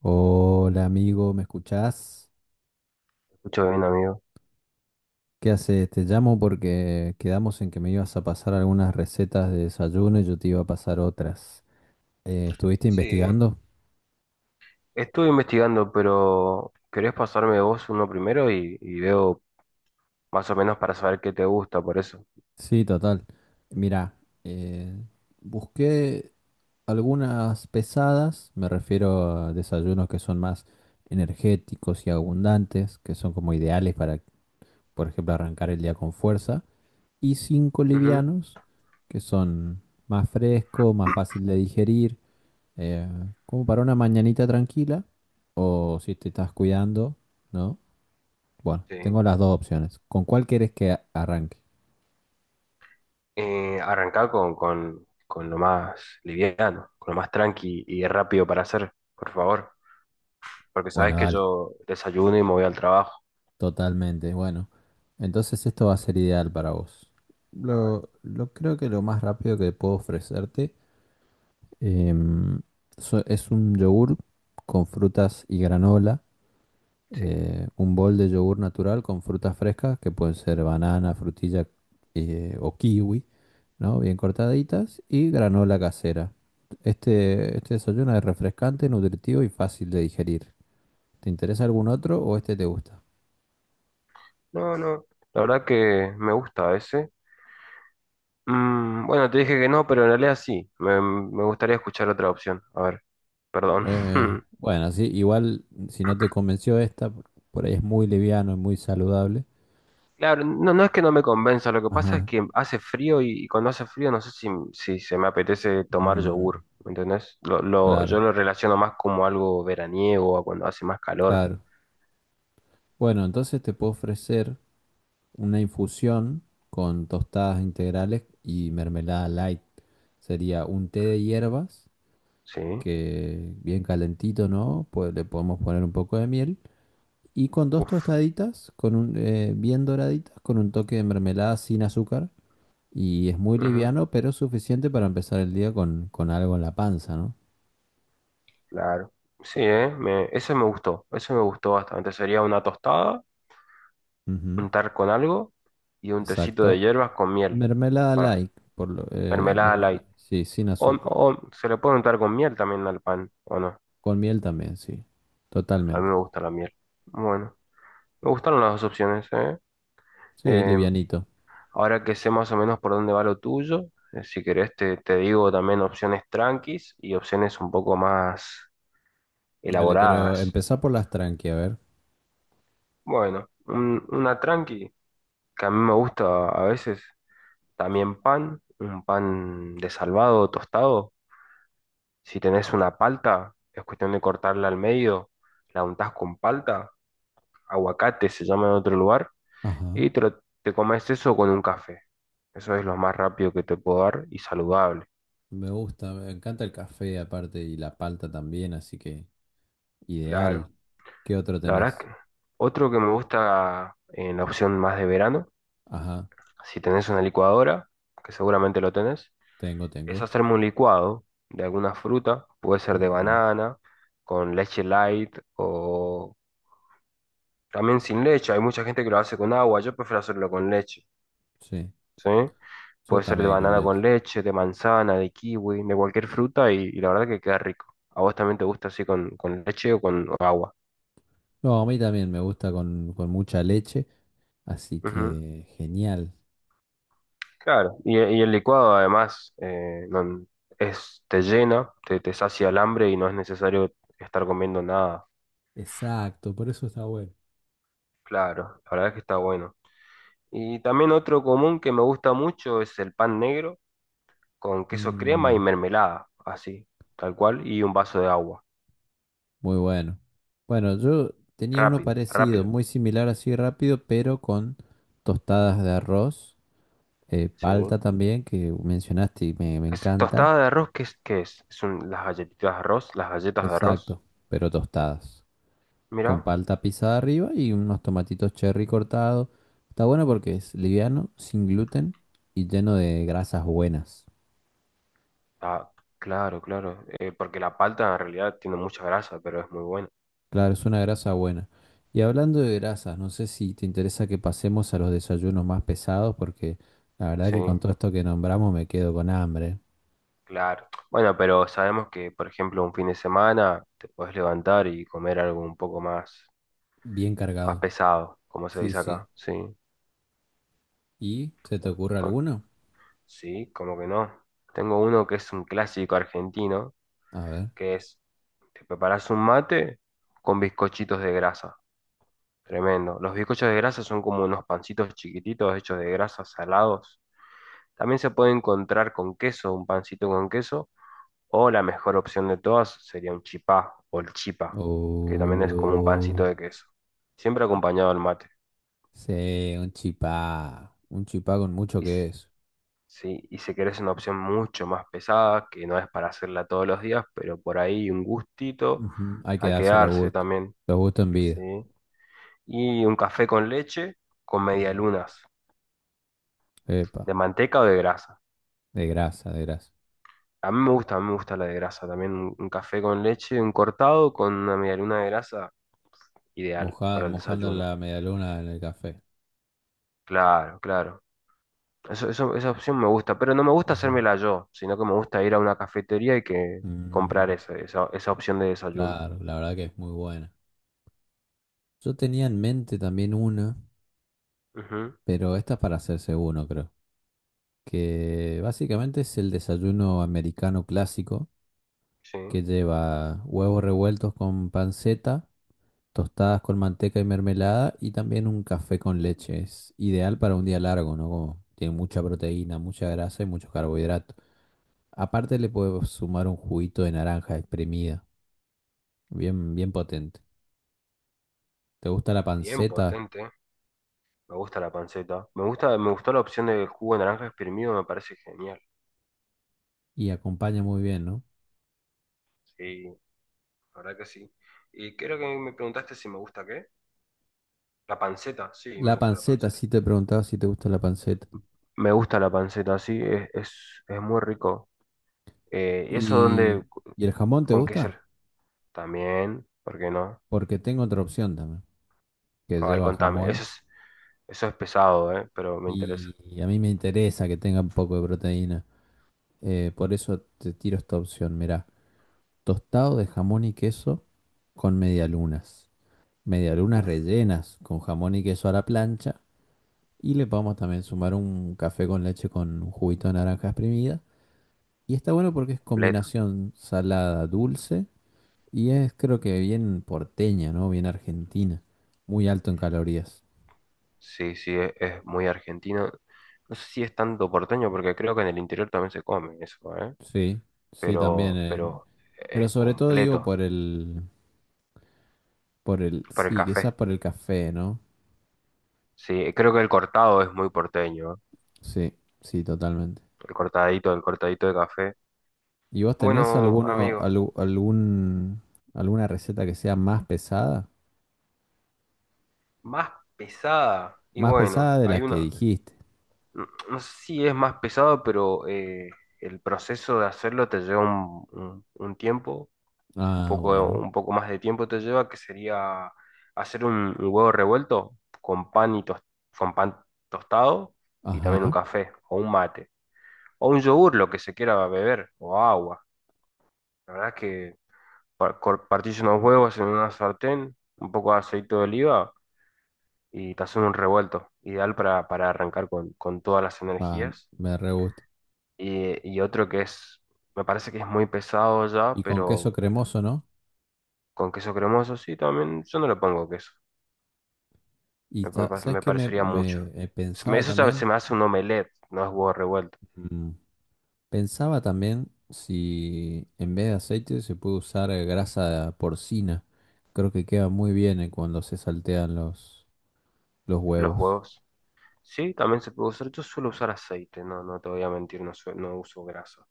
Hola amigo, ¿me escuchás? Escucha bien, amigo. ¿Qué haces? Te llamo porque quedamos en que me ibas a pasar algunas recetas de desayuno y yo te iba a pasar otras. ¿Estuviste Sí, investigando? estuve investigando, pero ¿querés pasarme vos uno primero y veo más o menos para saber qué te gusta por eso? Sí, total. Mira, eh, busqué algunas pesadas, me refiero a desayunos que son más energéticos y abundantes, que son como ideales para, por ejemplo, arrancar el día con fuerza, y cinco Ujú, livianos, que son más frescos, más fácil de digerir. Eh, Como para una mañanita tranquila o si te estás cuidando, ¿no? Bueno, sí. tengo las dos opciones. ¿Con cuál quieres que arranque? Arrancá con lo más liviano, con lo más tranqui y rápido para hacer, por favor. Porque sabes Bueno, que dale, yo desayuno y me voy al trabajo. totalmente. Bueno, entonces esto va a ser ideal para vos. A ver. Lo creo que lo más rápido que puedo ofrecerte em, es un yogur con frutas y granola, Sí. Un bol de yogur natural con frutas frescas que pueden ser banana, frutilla o kiwi, ¿no? Bien cortaditas y granola casera. Este desayuno es refrescante, nutritivo y fácil de digerir. ¿Te interesa algún otro o este te gusta? No, no, la verdad que me gusta ese. Mm, bueno, te dije que no, pero en realidad sí. Me gustaría escuchar otra opción. A ver, perdón. Bueno, sí, igual si no te convenció esta, por ahí es muy liviano, es muy saludable. Claro, no, no es que no me convenza, lo que pasa es Ajá. que hace frío y cuando hace frío no sé si se me apetece tomar Mm, yogur, ¿me entendés? Yo claro, lo relaciono más como algo veraniego, a cuando hace más calor. claro. Bueno, entonces te puedo ofrecer una infusión con tostadas integrales y mermelada light. Sería un té de hierbas ¿Sí? que bien calentito, ¿no? Pues le podemos poner un poco de miel. Y con dos Uf, tostaditas, con bien doraditas, con un toque de mermelada sin azúcar. Y es muy ujú, liviano, pero suficiente para empezar el día con, algo en la panza, ¿no? claro. Sí, ¿eh? Ese me gustó, ese me gustó bastante. Sería una tostada, Ujú. untar con algo y un tecito de Exacto. hierbas con miel, Mermelada para light, mermelada light. mermelada, sí, sin O, azúcar. o se le puede untar con miel también al pan, ¿o no? Con miel también, sí. A mí Totalmente. me gusta la miel. Bueno. Me gustaron las dos opciones, ¿eh? Sí, Eh, livianito. Ahora que sé más o menos por dónde va lo tuyo, si querés te digo también opciones tranquis y opciones un poco más Dale, pero elaboradas. empezá por las tranqui, a ver. Bueno, una tranqui que a mí me gusta a veces, también pan, un pan de salvado, tostado. Si tenés una palta, es cuestión de cortarla al medio, la untás con palta, aguacate se llama en otro lugar. Ajá. Te comes eso con un café. Eso es lo más rápido que te puedo dar, y saludable. Me gusta, me encanta el café aparte y la palta también, así que. Ideal. Claro. ¿Qué otro La verdad es tenés? que otro que me gusta, en la opción más de verano, Ajá, si tenés una licuadora, que seguramente lo tenés, tengo, es tengo. hacerme un licuado de alguna fruta. Puede ser de Ujú. banana, con leche light, o también sin leche. Hay mucha gente que lo hace con agua. Yo prefiero hacerlo con leche. Sí, ¿Sí? yo Puede ser de también con banana leche. con leche, de manzana, de kiwi, de cualquier fruta y la verdad que queda rico. ¿A vos también te gusta así con leche o con agua? No, a mí también me gusta con mucha leche, así Ujú. que genial. Claro, y el licuado además, es, te llena, te sacia el hambre y no es necesario estar comiendo nada. Exacto, por eso está bueno. Claro, la verdad es que está bueno. Y también otro común que me gusta mucho es el pan negro con queso crema y Mm, mermelada, así, tal cual, y un vaso de agua. Muy bueno. Bueno, yo tenía uno Rápido, parecido, rápido. muy similar así rápido, pero con tostadas de arroz, Sí. palta también, que mencionaste y me Es encanta. tostada de arroz, ¿qué es? ¿Qué es? Son las galletitas de arroz, las galletas de arroz. Exacto, pero tostadas, con Mira. palta pisada arriba y unos tomatitos cherry cortados. Está bueno porque es liviano, sin gluten y lleno de grasas buenas. Ah, claro, claro. Porque la palta en realidad tiene mucha grasa, pero es muy buena. Claro, es una grasa buena. Y hablando de grasas, no sé si te interesa que pasemos a los desayunos más pesados, porque la verdad Sí, que con todo esto que nombramos me quedo con hambre. claro. Bueno, pero sabemos que, por ejemplo, un fin de semana te puedes levantar y comer algo un poco más, Bien más cargado. pesado, como se Sí, dice sí. acá. Sí. ¿Y se te Con, ocurre con- alguno? sí, como que no. Tengo uno que es un clásico argentino, A ver. que es, te preparas un mate con bizcochitos de grasa. Tremendo. Los bizcochos de grasa son como unos pancitos chiquititos hechos de grasa, salados. También se puede encontrar con queso, un pancito con queso, o la mejor opción de todas sería un chipá o el chipa, que también es como un pancito Oh, de queso. Siempre acompañado al mate. sí, un chipá. Un chipá con mucho Y, que s- es. sí, y si querés una opción mucho más pesada, que no es para hacerla todos los días, pero por ahí un gustito Ujú. Hay que a darse los quedarse gustos. también, Los gustos en ¿sí? vida. Y un café con leche con Ujú. medialunas, de Epa, manteca o de grasa. de grasa, de grasa. A mí me gusta, a mí me gusta la de grasa también. Un café con leche, un cortado con una medialuna de grasa, ideal para el Mojando desayuno. la medialuna en el café. Claro, claro. Esa opción me gusta, pero no me gusta Ujú. hacérmela yo, sino que me gusta ir a una cafetería y que comprar Mm, esa opción de desayuno. claro, la verdad que es muy buena. Yo tenía en mente también una, Ujú. pero esta es para hacerse uno, creo. Que básicamente es el desayuno americano clásico, Sí, que lleva huevos revueltos con panceta. Tostadas con manteca y mermelada y también un café con leche. Es ideal para un día largo, ¿no? Como tiene mucha proteína, mucha grasa y mucho carbohidrato. Aparte le puedo sumar un juguito de naranja exprimida, bien, bien potente. ¿Te gusta la bien panceta? potente. Me gusta la panceta. Me gusta, me gustó la opción del jugo de naranja exprimido, me parece genial. Y acompaña muy bien, ¿no? Sí, la verdad que sí. Y creo que me preguntaste si me gusta qué. La panceta, sí, me La gusta la panceta, panceta. sí te preguntaba si te gusta la panceta. Me gusta la panceta, sí, es muy rico. ¿Y eso ¿Y, dónde, y el jamón te con queso? gusta? También, ¿por qué no? Porque tengo otra opción también, que A ver, lleva contame. jamón Eso es pesado, ¿eh? Pero me interesa. y a mí me interesa que tenga un poco de proteína. Por eso te tiro esta opción, mirá. Tostado de jamón y queso con medialunas. Medialunas Uf. rellenas con jamón y queso a la plancha. Y le podemos también sumar un café con leche con un juguito de naranja exprimida. Y está bueno porque es Completo. combinación salada, dulce. Y es creo que bien porteña, ¿no? Bien argentina. Muy alto en calorías. Sí, sí, es muy argentino. No sé si es tanto porteño, porque creo que en el interior también se come eso, ¿eh? Sí, sí, también. Pero es Pero sobre todo digo completo por el. Por el. para el Sí, café. quizás por el café, ¿no? Sí, creo que el cortado es muy porteño, ¿eh? Sí, sí, totalmente. El cortadito de café. ¿Y vos tenés Bueno, alguno, amigo. Algún, alguna receta que sea más pesada? Más pesada. Y Más bueno, pesada de hay la que una, dijiste. No sé si es más pesado, pero el proceso de hacerlo te lleva un tiempo, Ah, bueno. un poco más de tiempo te lleva, que sería hacer un huevo revuelto con pan con pan tostado y Ajá. también un café o un mate o un yogur, lo que se quiera beber o agua. La verdad es que partís unos huevos en una sartén, un poco de aceite de oliva y te hacen un revuelto, ideal para arrancar con todas las Pa, energías. me re gusta. Y otro que es, me parece que es muy pesado ya, Y con queso pero cremoso, ¿no? con queso cremoso sí, también yo no le pongo queso, ¿Sabes me qué me, parecería mucho. me, eh, Se me- pensaba eso ya también? se me hace un omelette, no es huevo revuelto. Mm, Pensaba también si en vez de aceite se puede usar grasa porcina. Creo que queda muy bien cuando se saltean los, Los huevos. huevos, sí, también se puede usar. Yo suelo usar aceite, no, no te voy a mentir, no, no uso grasa.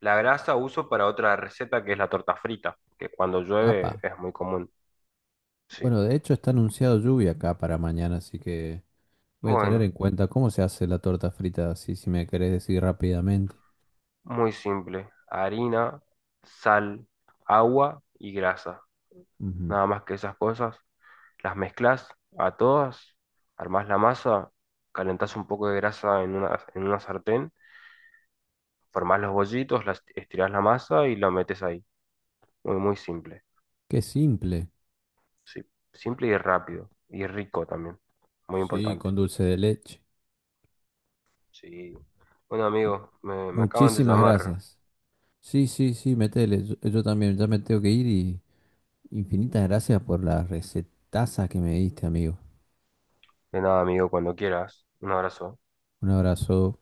La grasa uso para otra receta que es la torta frita, que cuando llueve Apa. es muy común. Sí. Bueno, de hecho está anunciado lluvia acá para mañana, así que. Voy a tener Bueno. en cuenta cómo se hace la torta frita, así si me querés decir rápidamente. Muy simple. Harina, sal, agua y grasa. Ujú. Nada más que esas cosas. Las mezclas a todas, armás la masa, calentás un poco de grasa en en una sartén, formás los bollitos, las, estirás la masa y la metes ahí. Muy, muy simple. Qué simple. Sí, simple y rápido. Y rico también. Muy Sí, importante. con dulce de leche. Sí. Bueno, amigo, me acaban de Muchísimas llamar. gracias. Sí, sí, sí, metele. Yo también ya me tengo que ir y infinitas gracias por la recetaza que me diste, amigo. De nada, amigo, cuando quieras. Un abrazo. Un abrazo.